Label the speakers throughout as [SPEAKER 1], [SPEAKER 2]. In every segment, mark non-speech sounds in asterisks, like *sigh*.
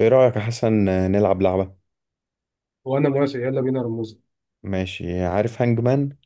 [SPEAKER 1] ايه رأيك يا حسن؟ نلعب لعبة.
[SPEAKER 2] وانا موافق، يلا بينا رموز.
[SPEAKER 1] ماشي. عارف هانج مان؟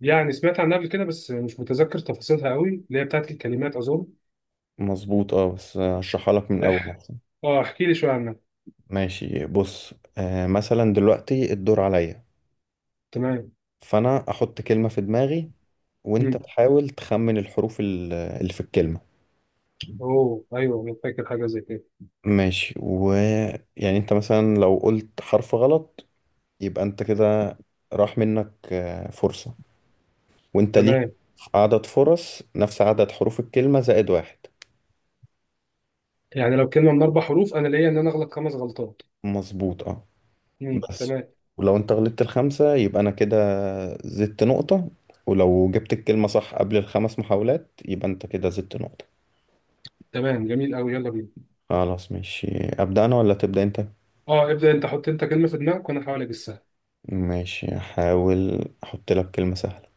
[SPEAKER 2] يعني سمعت عنها قبل كده بس مش متذكر تفاصيلها قوي، اللي هي بتاعت الكلمات اظن.
[SPEAKER 1] مظبوط، اه. بس هشرحها لك من اول
[SPEAKER 2] *laughs*
[SPEAKER 1] احسن.
[SPEAKER 2] اه احكي لي شويه عنها.
[SPEAKER 1] ماشي. بص، مثلا دلوقتي الدور عليا.
[SPEAKER 2] تمام.
[SPEAKER 1] فانا احط كلمة في دماغي، وانت
[SPEAKER 2] مم.
[SPEAKER 1] تحاول تخمن الحروف اللي في الكلمة.
[SPEAKER 2] اوه ايوه انا فاكر حاجه زي كده.
[SPEAKER 1] ماشي. ويعني انت مثلا لو قلت حرف غلط، يبقى انت كده راح منك فرصة. وانت ليك
[SPEAKER 2] تمام.
[SPEAKER 1] عدد فرص نفس عدد حروف الكلمة زائد واحد.
[SPEAKER 2] يعني لو كلمه من اربع حروف انا ليا ان انا اغلط خمس غلطات.
[SPEAKER 1] مظبوط، اه. بس
[SPEAKER 2] تمام.
[SPEAKER 1] ولو انت غلطت الخمسة يبقى انا كده زدت نقطة. ولو جبت الكلمة صح قبل الخمس محاولات يبقى انت كده زدت نقطة.
[SPEAKER 2] تمام جميل قوي، يلا بينا.
[SPEAKER 1] خلاص، ماشي. ابدأ انا ولا تبدأ انت؟
[SPEAKER 2] اه ابدا انت، حط انت كلمه في دماغك وانا هحاول اجسها.
[SPEAKER 1] ماشي، احاول احط لك كلمة سهلة.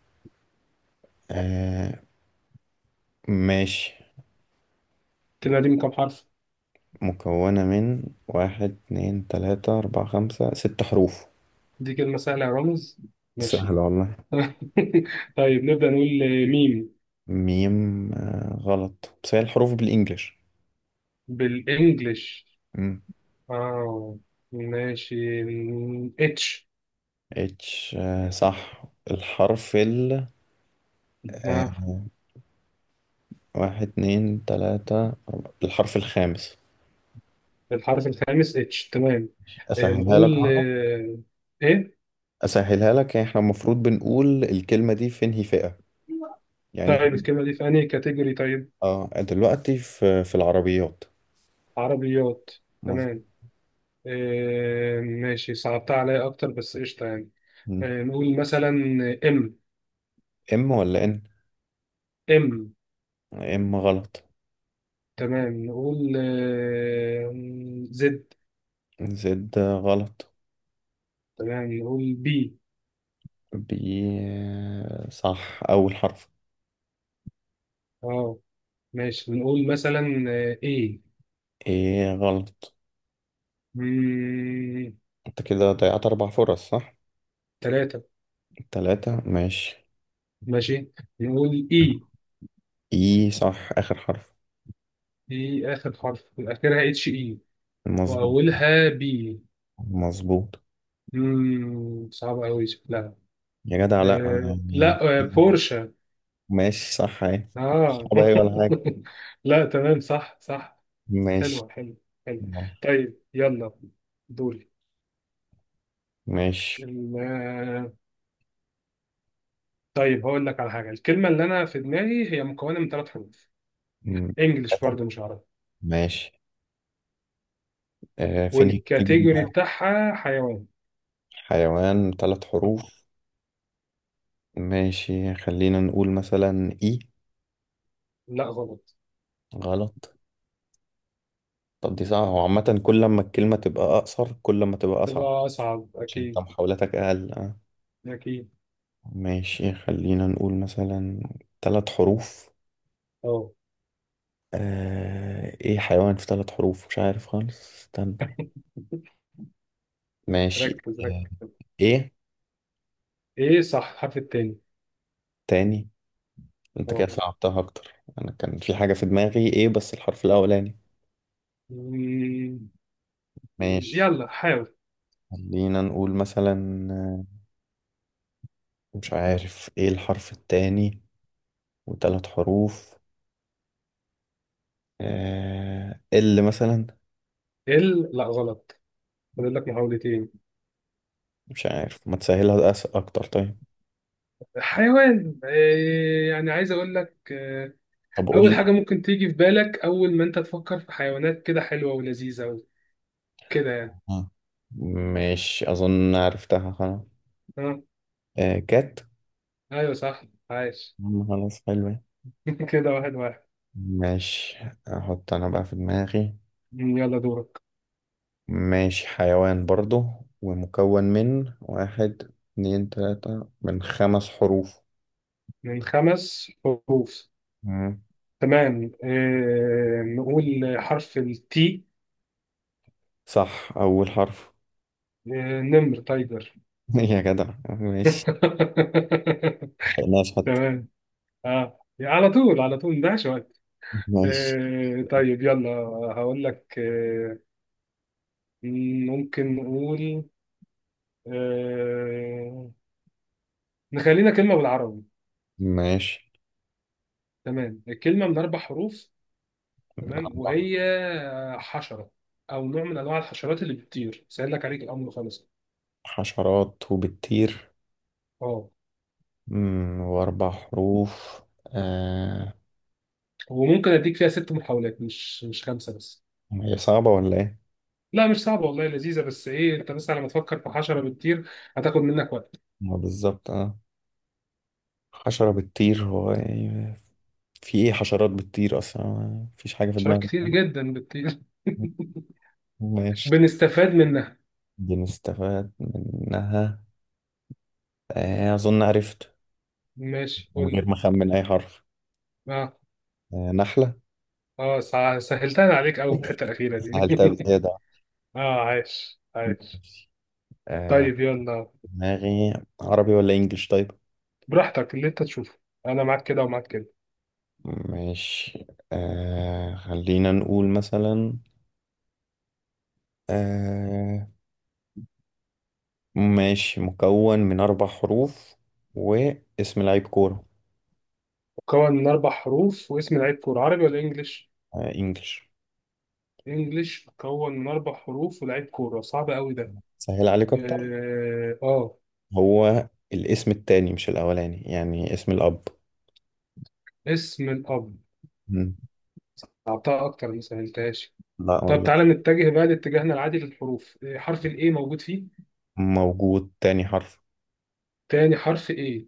[SPEAKER 1] آه ماشي.
[SPEAKER 2] الكلمه دي من كام حرف؟
[SPEAKER 1] مكونة من واحد، اتنين، تلاتة، اربعة، خمسة، ست حروف.
[SPEAKER 2] دي كلمه سهله يا رامز. ماشي.
[SPEAKER 1] سهلة والله.
[SPEAKER 2] *laughs* طيب نبدا نقول ميم.
[SPEAKER 1] ميم؟ غلط. بس هي الحروف بالانجلش.
[SPEAKER 2] بالانجلش؟
[SPEAKER 1] مم.
[SPEAKER 2] اه ماشي، اتش.
[SPEAKER 1] اتش؟ صح. الحرف ال آه،
[SPEAKER 2] آه.
[SPEAKER 1] واحد، اتنين، تلاتة، أربعة. الحرف الخامس.
[SPEAKER 2] الحرف الخامس اتش، تمام. آه،
[SPEAKER 1] أسهلها لك
[SPEAKER 2] نقول
[SPEAKER 1] برضه.
[SPEAKER 2] آه، ايه؟
[SPEAKER 1] أسهلها لك، يعني إحنا المفروض بنقول الكلمة دي في انهي فئة. يعني إحنا...
[SPEAKER 2] طيب الكلمة دي في أنهي كاتيجوري طيب؟
[SPEAKER 1] دلوقتي في العربيات.
[SPEAKER 2] عربيات.
[SPEAKER 1] مظبوط.
[SPEAKER 2] تمام. ماشي، صعبتها عليا أكتر بس قشطة يعني.
[SPEAKER 1] مم.
[SPEAKER 2] نقول مثلا إم.
[SPEAKER 1] إم ولا إن؟
[SPEAKER 2] إم؟
[SPEAKER 1] إم غلط.
[SPEAKER 2] تمام نقول زد.
[SPEAKER 1] زد غلط.
[SPEAKER 2] تمام نقول بي.
[SPEAKER 1] بي، صح أول حرف.
[SPEAKER 2] أه ماشي، نقول مثلا إيه.
[SPEAKER 1] إيه غلط. أنت كده ضيعت أربع فرص صح؟
[SPEAKER 2] تلاتة.
[SPEAKER 1] تلاتة، ماشي.
[SPEAKER 2] ماشي نقول اي.
[SPEAKER 1] إيه، صح آخر حرف.
[SPEAKER 2] اي اخر حرف، اخرها اتش اي.
[SPEAKER 1] مظبوط.
[SPEAKER 2] واولها بي.
[SPEAKER 1] مظبوط.
[SPEAKER 2] صعب قوي شكلها.
[SPEAKER 1] يا جدع لأ. يعني...
[SPEAKER 2] لا بورشا.
[SPEAKER 1] ماشي، صح اهي.
[SPEAKER 2] اه.
[SPEAKER 1] صعبة اهي ولا حاجة؟
[SPEAKER 2] *laughs* لا تمام، صح صح.
[SPEAKER 1] ماشي.
[SPEAKER 2] حلوه حلوه. حلوه. طيب يلا، دوري.
[SPEAKER 1] ماشي.
[SPEAKER 2] الم- آه، طيب هقول لك على حاجه، الكلمه اللي انا في دماغي هي مكونه من ثلاث حروف.
[SPEAKER 1] مم.
[SPEAKER 2] انجلش برضو مش عربي.
[SPEAKER 1] ماشي. فين الكاتيجوري
[SPEAKER 2] والكاتيجوري
[SPEAKER 1] بقى؟
[SPEAKER 2] بتاعها حيوان.
[SPEAKER 1] حيوان، ثلاث حروف. ماشي، خلينا نقول مثلا اي.
[SPEAKER 2] لا غلط.
[SPEAKER 1] غلط. طب دي صعبة. هو عامة كل ما الكلمة تبقى أقصر، كل ما تبقى أصعب.
[SPEAKER 2] تبقى اصعب
[SPEAKER 1] عشان انت
[SPEAKER 2] اكيد.
[SPEAKER 1] محاولاتك أقل.
[SPEAKER 2] اكيد.
[SPEAKER 1] ماشي، خلينا نقول مثلا... ثلاث حروف.
[SPEAKER 2] اه
[SPEAKER 1] ايه حيوان في ثلاث حروف؟ مش عارف خالص، استنى. ماشي.
[SPEAKER 2] ركز
[SPEAKER 1] آه،
[SPEAKER 2] ركز.
[SPEAKER 1] ايه.
[SPEAKER 2] ايه صح الحرف التاني؟
[SPEAKER 1] تاني. انت كده
[SPEAKER 2] اه.
[SPEAKER 1] صعبتها اكتر. انا كان في حاجة في دماغي ايه، بس الحرف الاولاني...
[SPEAKER 2] مم،
[SPEAKER 1] ماشي،
[SPEAKER 2] يلا حاول.
[SPEAKER 1] خلينا نقول مثلا... مش عارف ايه الحرف التاني. وثلاث حروف. اللي مثلا...
[SPEAKER 2] ال لا غلط. فاضل لك محاولتين.
[SPEAKER 1] مش عارف. ما تسهلها اكتر طيب.
[SPEAKER 2] حيوان إيه يعني؟ عايز اقول لك،
[SPEAKER 1] طب قول
[SPEAKER 2] اول
[SPEAKER 1] لي.
[SPEAKER 2] حاجه ممكن تيجي في بالك اول ما انت تفكر في حيوانات كده حلوه ولذيذه و- كده يعني.
[SPEAKER 1] آه، ماشي، اظن عرفتها خلاص.
[SPEAKER 2] اه
[SPEAKER 1] كات.
[SPEAKER 2] ايوه صح. عايش.
[SPEAKER 1] مم، خلاص حلوة.
[SPEAKER 2] *laughs* كده واحد واحد.
[SPEAKER 1] ماشي، احط انا بقى في دماغي.
[SPEAKER 2] يلا دورك.
[SPEAKER 1] ماشي، حيوان برضه. ومكون من واحد، اتنين، تلاتة، من خمس حروف.
[SPEAKER 2] من خمس حروف.
[SPEAKER 1] مم.
[SPEAKER 2] تمام، إيه نقول حرف التي.
[SPEAKER 1] صح، أول حرف.
[SPEAKER 2] إيه، نمر، تايجر.
[SPEAKER 1] *laughs* يا جدع، ماشي.
[SPEAKER 2] *laughs*
[SPEAKER 1] ملحقناش حتى.
[SPEAKER 2] تمام. اه على طول على طول، مضيعش وقت.
[SPEAKER 1] ماشي.
[SPEAKER 2] طيب يلا، هقول لك ممكن نقول، آه نخلينا كلمة بالعربي.
[SPEAKER 1] ماشي،
[SPEAKER 2] تمام، الكلمة من أربع حروف.
[SPEAKER 1] من
[SPEAKER 2] تمام
[SPEAKER 1] أربع.
[SPEAKER 2] وهي حشرة، أو نوع من أنواع الحشرات اللي بتطير. سهل لك عليك الأمر خالص.
[SPEAKER 1] حشرات وبتطير؟
[SPEAKER 2] اه
[SPEAKER 1] مم، وأربع حروف.
[SPEAKER 2] وممكن أديك فيها ست محاولات مش خمسة بس.
[SPEAKER 1] هي صعبة ولا إيه؟
[SPEAKER 2] لا مش صعبة والله، لذيذة بس إيه، أنت بس على ما تفكر في حشرة بتطير هتاخد منك وقت.
[SPEAKER 1] ما بالظبط حشرة بتطير هو إيه؟ في إيه حشرات بتطير أصلا؟ مفيش حاجة في
[SPEAKER 2] حشرات
[SPEAKER 1] دماغي.
[SPEAKER 2] كتير جدا بتطير. *laughs*
[SPEAKER 1] ماشي.
[SPEAKER 2] بنستفاد منها.
[SPEAKER 1] دي نستفاد منها. أظن عرفت.
[SPEAKER 2] ماشي
[SPEAKER 1] من
[SPEAKER 2] قول لي.
[SPEAKER 1] غير ما أخمن أي حرف.
[SPEAKER 2] اه.
[SPEAKER 1] نحلة.
[SPEAKER 2] اه سهلتها عليك قوي الحته الاخيره
[SPEAKER 1] سهلتها
[SPEAKER 2] دي.
[SPEAKER 1] بزيادة.
[SPEAKER 2] *laughs* اه عايش عايش.
[SPEAKER 1] آه،
[SPEAKER 2] طيب يلا.
[SPEAKER 1] دماغي عربي ولا إنجليش طيب؟
[SPEAKER 2] براحتك اللي انت تشوفه، انا معاك كده ومعاك كده.
[SPEAKER 1] ماشي. خلينا نقول مثلا آه، ماشي. مكون من أربع حروف واسم لعيب كورة.
[SPEAKER 2] مكون من اربع حروف واسم لعيب كوره عربي ولا انجليش؟
[SPEAKER 1] إنجليش.
[SPEAKER 2] انجليش مكون من اربع حروف ولاعيب كوره؟ صعب قوي ده.
[SPEAKER 1] سهل عليك أكتر.
[SPEAKER 2] اه
[SPEAKER 1] هو الاسم التاني مش الأولاني، يعني اسم الأب.
[SPEAKER 2] اسم الاب؟
[SPEAKER 1] مم.
[SPEAKER 2] اعطاها اكتر ما سهلتهاش.
[SPEAKER 1] لا
[SPEAKER 2] طب
[SPEAKER 1] والله.
[SPEAKER 2] تعالى نتجه بقى لاتجاهنا العادي للحروف، حرف الايه موجود فيه؟
[SPEAKER 1] موجود، تاني حرف.
[SPEAKER 2] تاني حرف A؟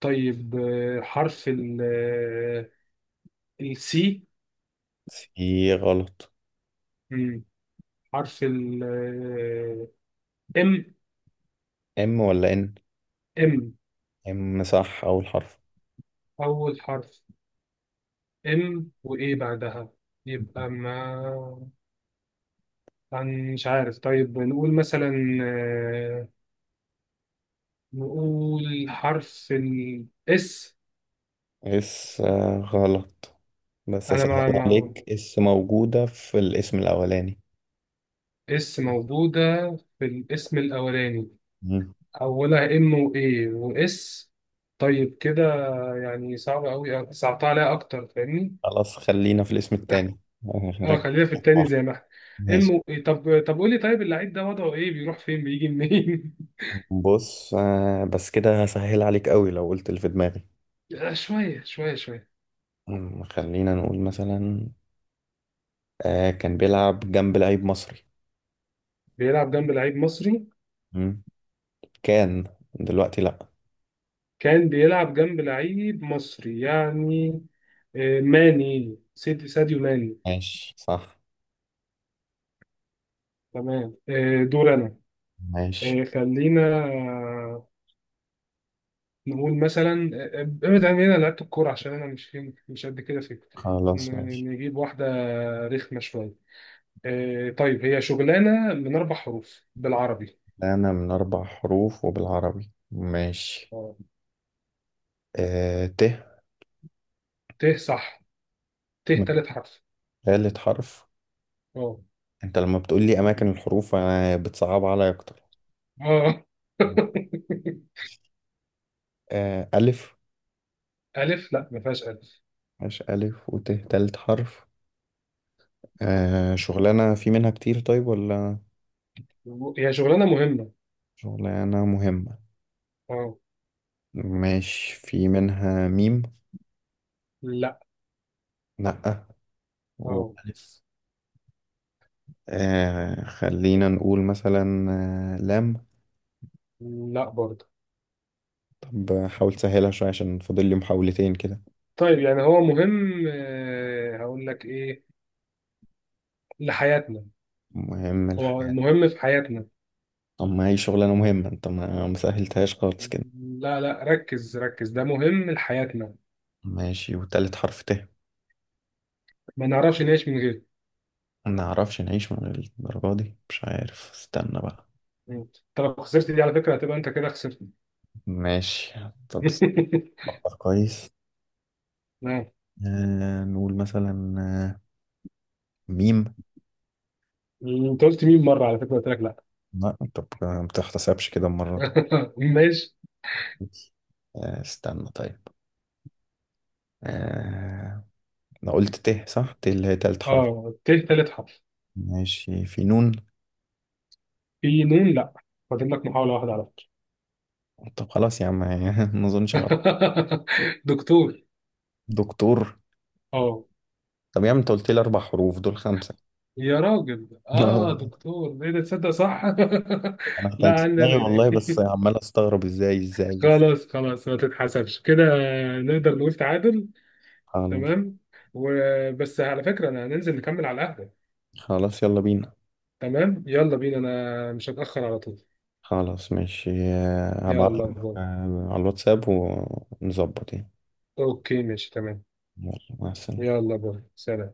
[SPEAKER 2] طيب حرف ال، السي.
[SPEAKER 1] سي غلط.
[SPEAKER 2] حرف ال، ام.
[SPEAKER 1] ام ولا ان؟
[SPEAKER 2] ام؟
[SPEAKER 1] ام، صح اول حرف.
[SPEAKER 2] أول حرف ام، وإيه بعدها؟ يبقى ما عن مش عارف، طيب نقول مثلا، آه، نقول حرف الاس.
[SPEAKER 1] اس غلط. بس
[SPEAKER 2] أنا
[SPEAKER 1] اسهل
[SPEAKER 2] ما ما
[SPEAKER 1] عليك، اس موجودة في الاسم الاولاني.
[SPEAKER 2] اس موجودة في الاسم الأولاني.
[SPEAKER 1] مم.
[SPEAKER 2] أولها ام وإيه واس، طيب كده يعني صعب أوي، صعبتها عليها أكتر، فاهمني؟
[SPEAKER 1] خلاص، خلينا في الاسم التاني. *laughs*
[SPEAKER 2] اه خلينا
[SPEAKER 1] ركز.
[SPEAKER 2] في التاني زي ما احنا.
[SPEAKER 1] ماشي.
[SPEAKER 2] امه طب طب قول لي، طيب اللعيب ده وضعه ايه، بيروح فين بيجي منين؟
[SPEAKER 1] بص، بس كده هسهل عليك قوي لو قلت اللي في دماغي.
[SPEAKER 2] *laughs* شويه شويه شويه.
[SPEAKER 1] مم، خلينا نقول مثلا... كان بيلعب جنب لعيب مصري.
[SPEAKER 2] بيلعب جنب لعيب مصري؟
[SPEAKER 1] مم. كان... دلوقتي لا.
[SPEAKER 2] كان بيلعب جنب لعيب مصري يعني، ساديو ماني.
[SPEAKER 1] ماشي صح.
[SPEAKER 2] تمام دور انا.
[SPEAKER 1] ماشي.
[SPEAKER 2] آه، خلينا آه، نقول مثلا، ابعد عن هنا لعيبه الكوره، عشان انا مش قد كده في الكورة.
[SPEAKER 1] خلاص، ماشي.
[SPEAKER 2] نجيب واحده رخمه شويه. طيب هي شغلانه من اربع حروف بالعربي.
[SPEAKER 1] أنا من أربع حروف وبالعربي، ماشي.
[SPEAKER 2] آه.
[SPEAKER 1] ت.
[SPEAKER 2] ت؟ صح، ت
[SPEAKER 1] من...
[SPEAKER 2] تالت حرف.
[SPEAKER 1] ثالث حرف.
[SPEAKER 2] اه.
[SPEAKER 1] أنت لما بتقول لي أماكن الحروف أنا بتصعب عليا أكتر.
[SPEAKER 2] اه. *laughs*
[SPEAKER 1] ألف.
[SPEAKER 2] ألف؟ لا ما فيهاش ألف.
[SPEAKER 1] ماشي. ألف وت ثالث حرف. شغلانة في منها كتير طيب ولا؟
[SPEAKER 2] هي شغلانة مهمة.
[SPEAKER 1] شغلانة مهمة؟
[SPEAKER 2] اه.
[SPEAKER 1] ماشي، في منها ميم؟
[SPEAKER 2] لا.
[SPEAKER 1] لأ.
[SPEAKER 2] اه.
[SPEAKER 1] وألف. خلينا نقول مثلا... لام.
[SPEAKER 2] لا برضه.
[SPEAKER 1] طب حاول تسهلها شوية عشان فاضل لي محاولتين كده.
[SPEAKER 2] طيب يعني هو مهم، هقول لك إيه، لحياتنا.
[SPEAKER 1] مهم
[SPEAKER 2] هو
[SPEAKER 1] الحاجة؟
[SPEAKER 2] مهم في حياتنا.
[SPEAKER 1] طب ما هي شغلانة مهمة، انت ما مسهلتهاش خالص كده.
[SPEAKER 2] لا لا ركز ركز، ده مهم لحياتنا.
[SPEAKER 1] ماشي، وتالت حرف ت.
[SPEAKER 2] ما نعرفش نعيش من غيره.
[SPEAKER 1] ما نعرفش نعيش من الدرجة دي؟ مش عارف، استنى بقى.
[SPEAKER 2] انت لو خسرت دي على فكرة هتبقى انت كده خسرت.
[SPEAKER 1] ماشي. طب
[SPEAKER 2] *laughs*
[SPEAKER 1] استنى. كويس.
[SPEAKER 2] نعم؟
[SPEAKER 1] نقول مثلا ميم.
[SPEAKER 2] انت قلت مين مرة على فكرة، قلت لك لا.
[SPEAKER 1] لا انت ما بتحتسبش كده المرة دي.
[SPEAKER 2] *laughs* ماشي.
[SPEAKER 1] استنى طيب. آه انا قلت ت صح. ت اللي هي تالت حرف.
[SPEAKER 2] اه ت تالت حرف.
[SPEAKER 1] ماشي، في نون؟
[SPEAKER 2] في نون؟ لا، فاضل لك محاولة واحدة على فكرة.
[SPEAKER 1] طب خلاص يا عم. *laughs* ما اظنش عارف.
[SPEAKER 2] *laughs* دكتور.
[SPEAKER 1] دكتور؟
[SPEAKER 2] اه
[SPEAKER 1] طب يا عم انت قلت لي اربع حروف، دول خمسة.
[SPEAKER 2] يا راجل، اه
[SPEAKER 1] *laughs*
[SPEAKER 2] دكتور ايه ده؟ تصدق صح؟
[SPEAKER 1] انا
[SPEAKER 2] *laughs* لا
[SPEAKER 1] كنت في
[SPEAKER 2] عندي انا
[SPEAKER 1] دماغي
[SPEAKER 2] لا
[SPEAKER 1] والله، بس
[SPEAKER 2] دي. *laughs*
[SPEAKER 1] عمال استغرب ازاي ازاي بس.
[SPEAKER 2] خلاص خلاص ما تتحسبش كده. نقدر نقول تعادل.
[SPEAKER 1] خلاص
[SPEAKER 2] تمام. وبس على فكرة انا هننزل نكمل على القهوة.
[SPEAKER 1] خلاص، يلا بينا.
[SPEAKER 2] تمام يلا بينا، انا مش هتأخر على طول.
[SPEAKER 1] خلاص ماشي.
[SPEAKER 2] يلا
[SPEAKER 1] هبعتلك
[SPEAKER 2] باي.
[SPEAKER 1] على الواتساب ونظبط يعني.
[SPEAKER 2] اوكي ماشي تمام.
[SPEAKER 1] يلا مع السلامة.
[SPEAKER 2] يلا باي، سلام.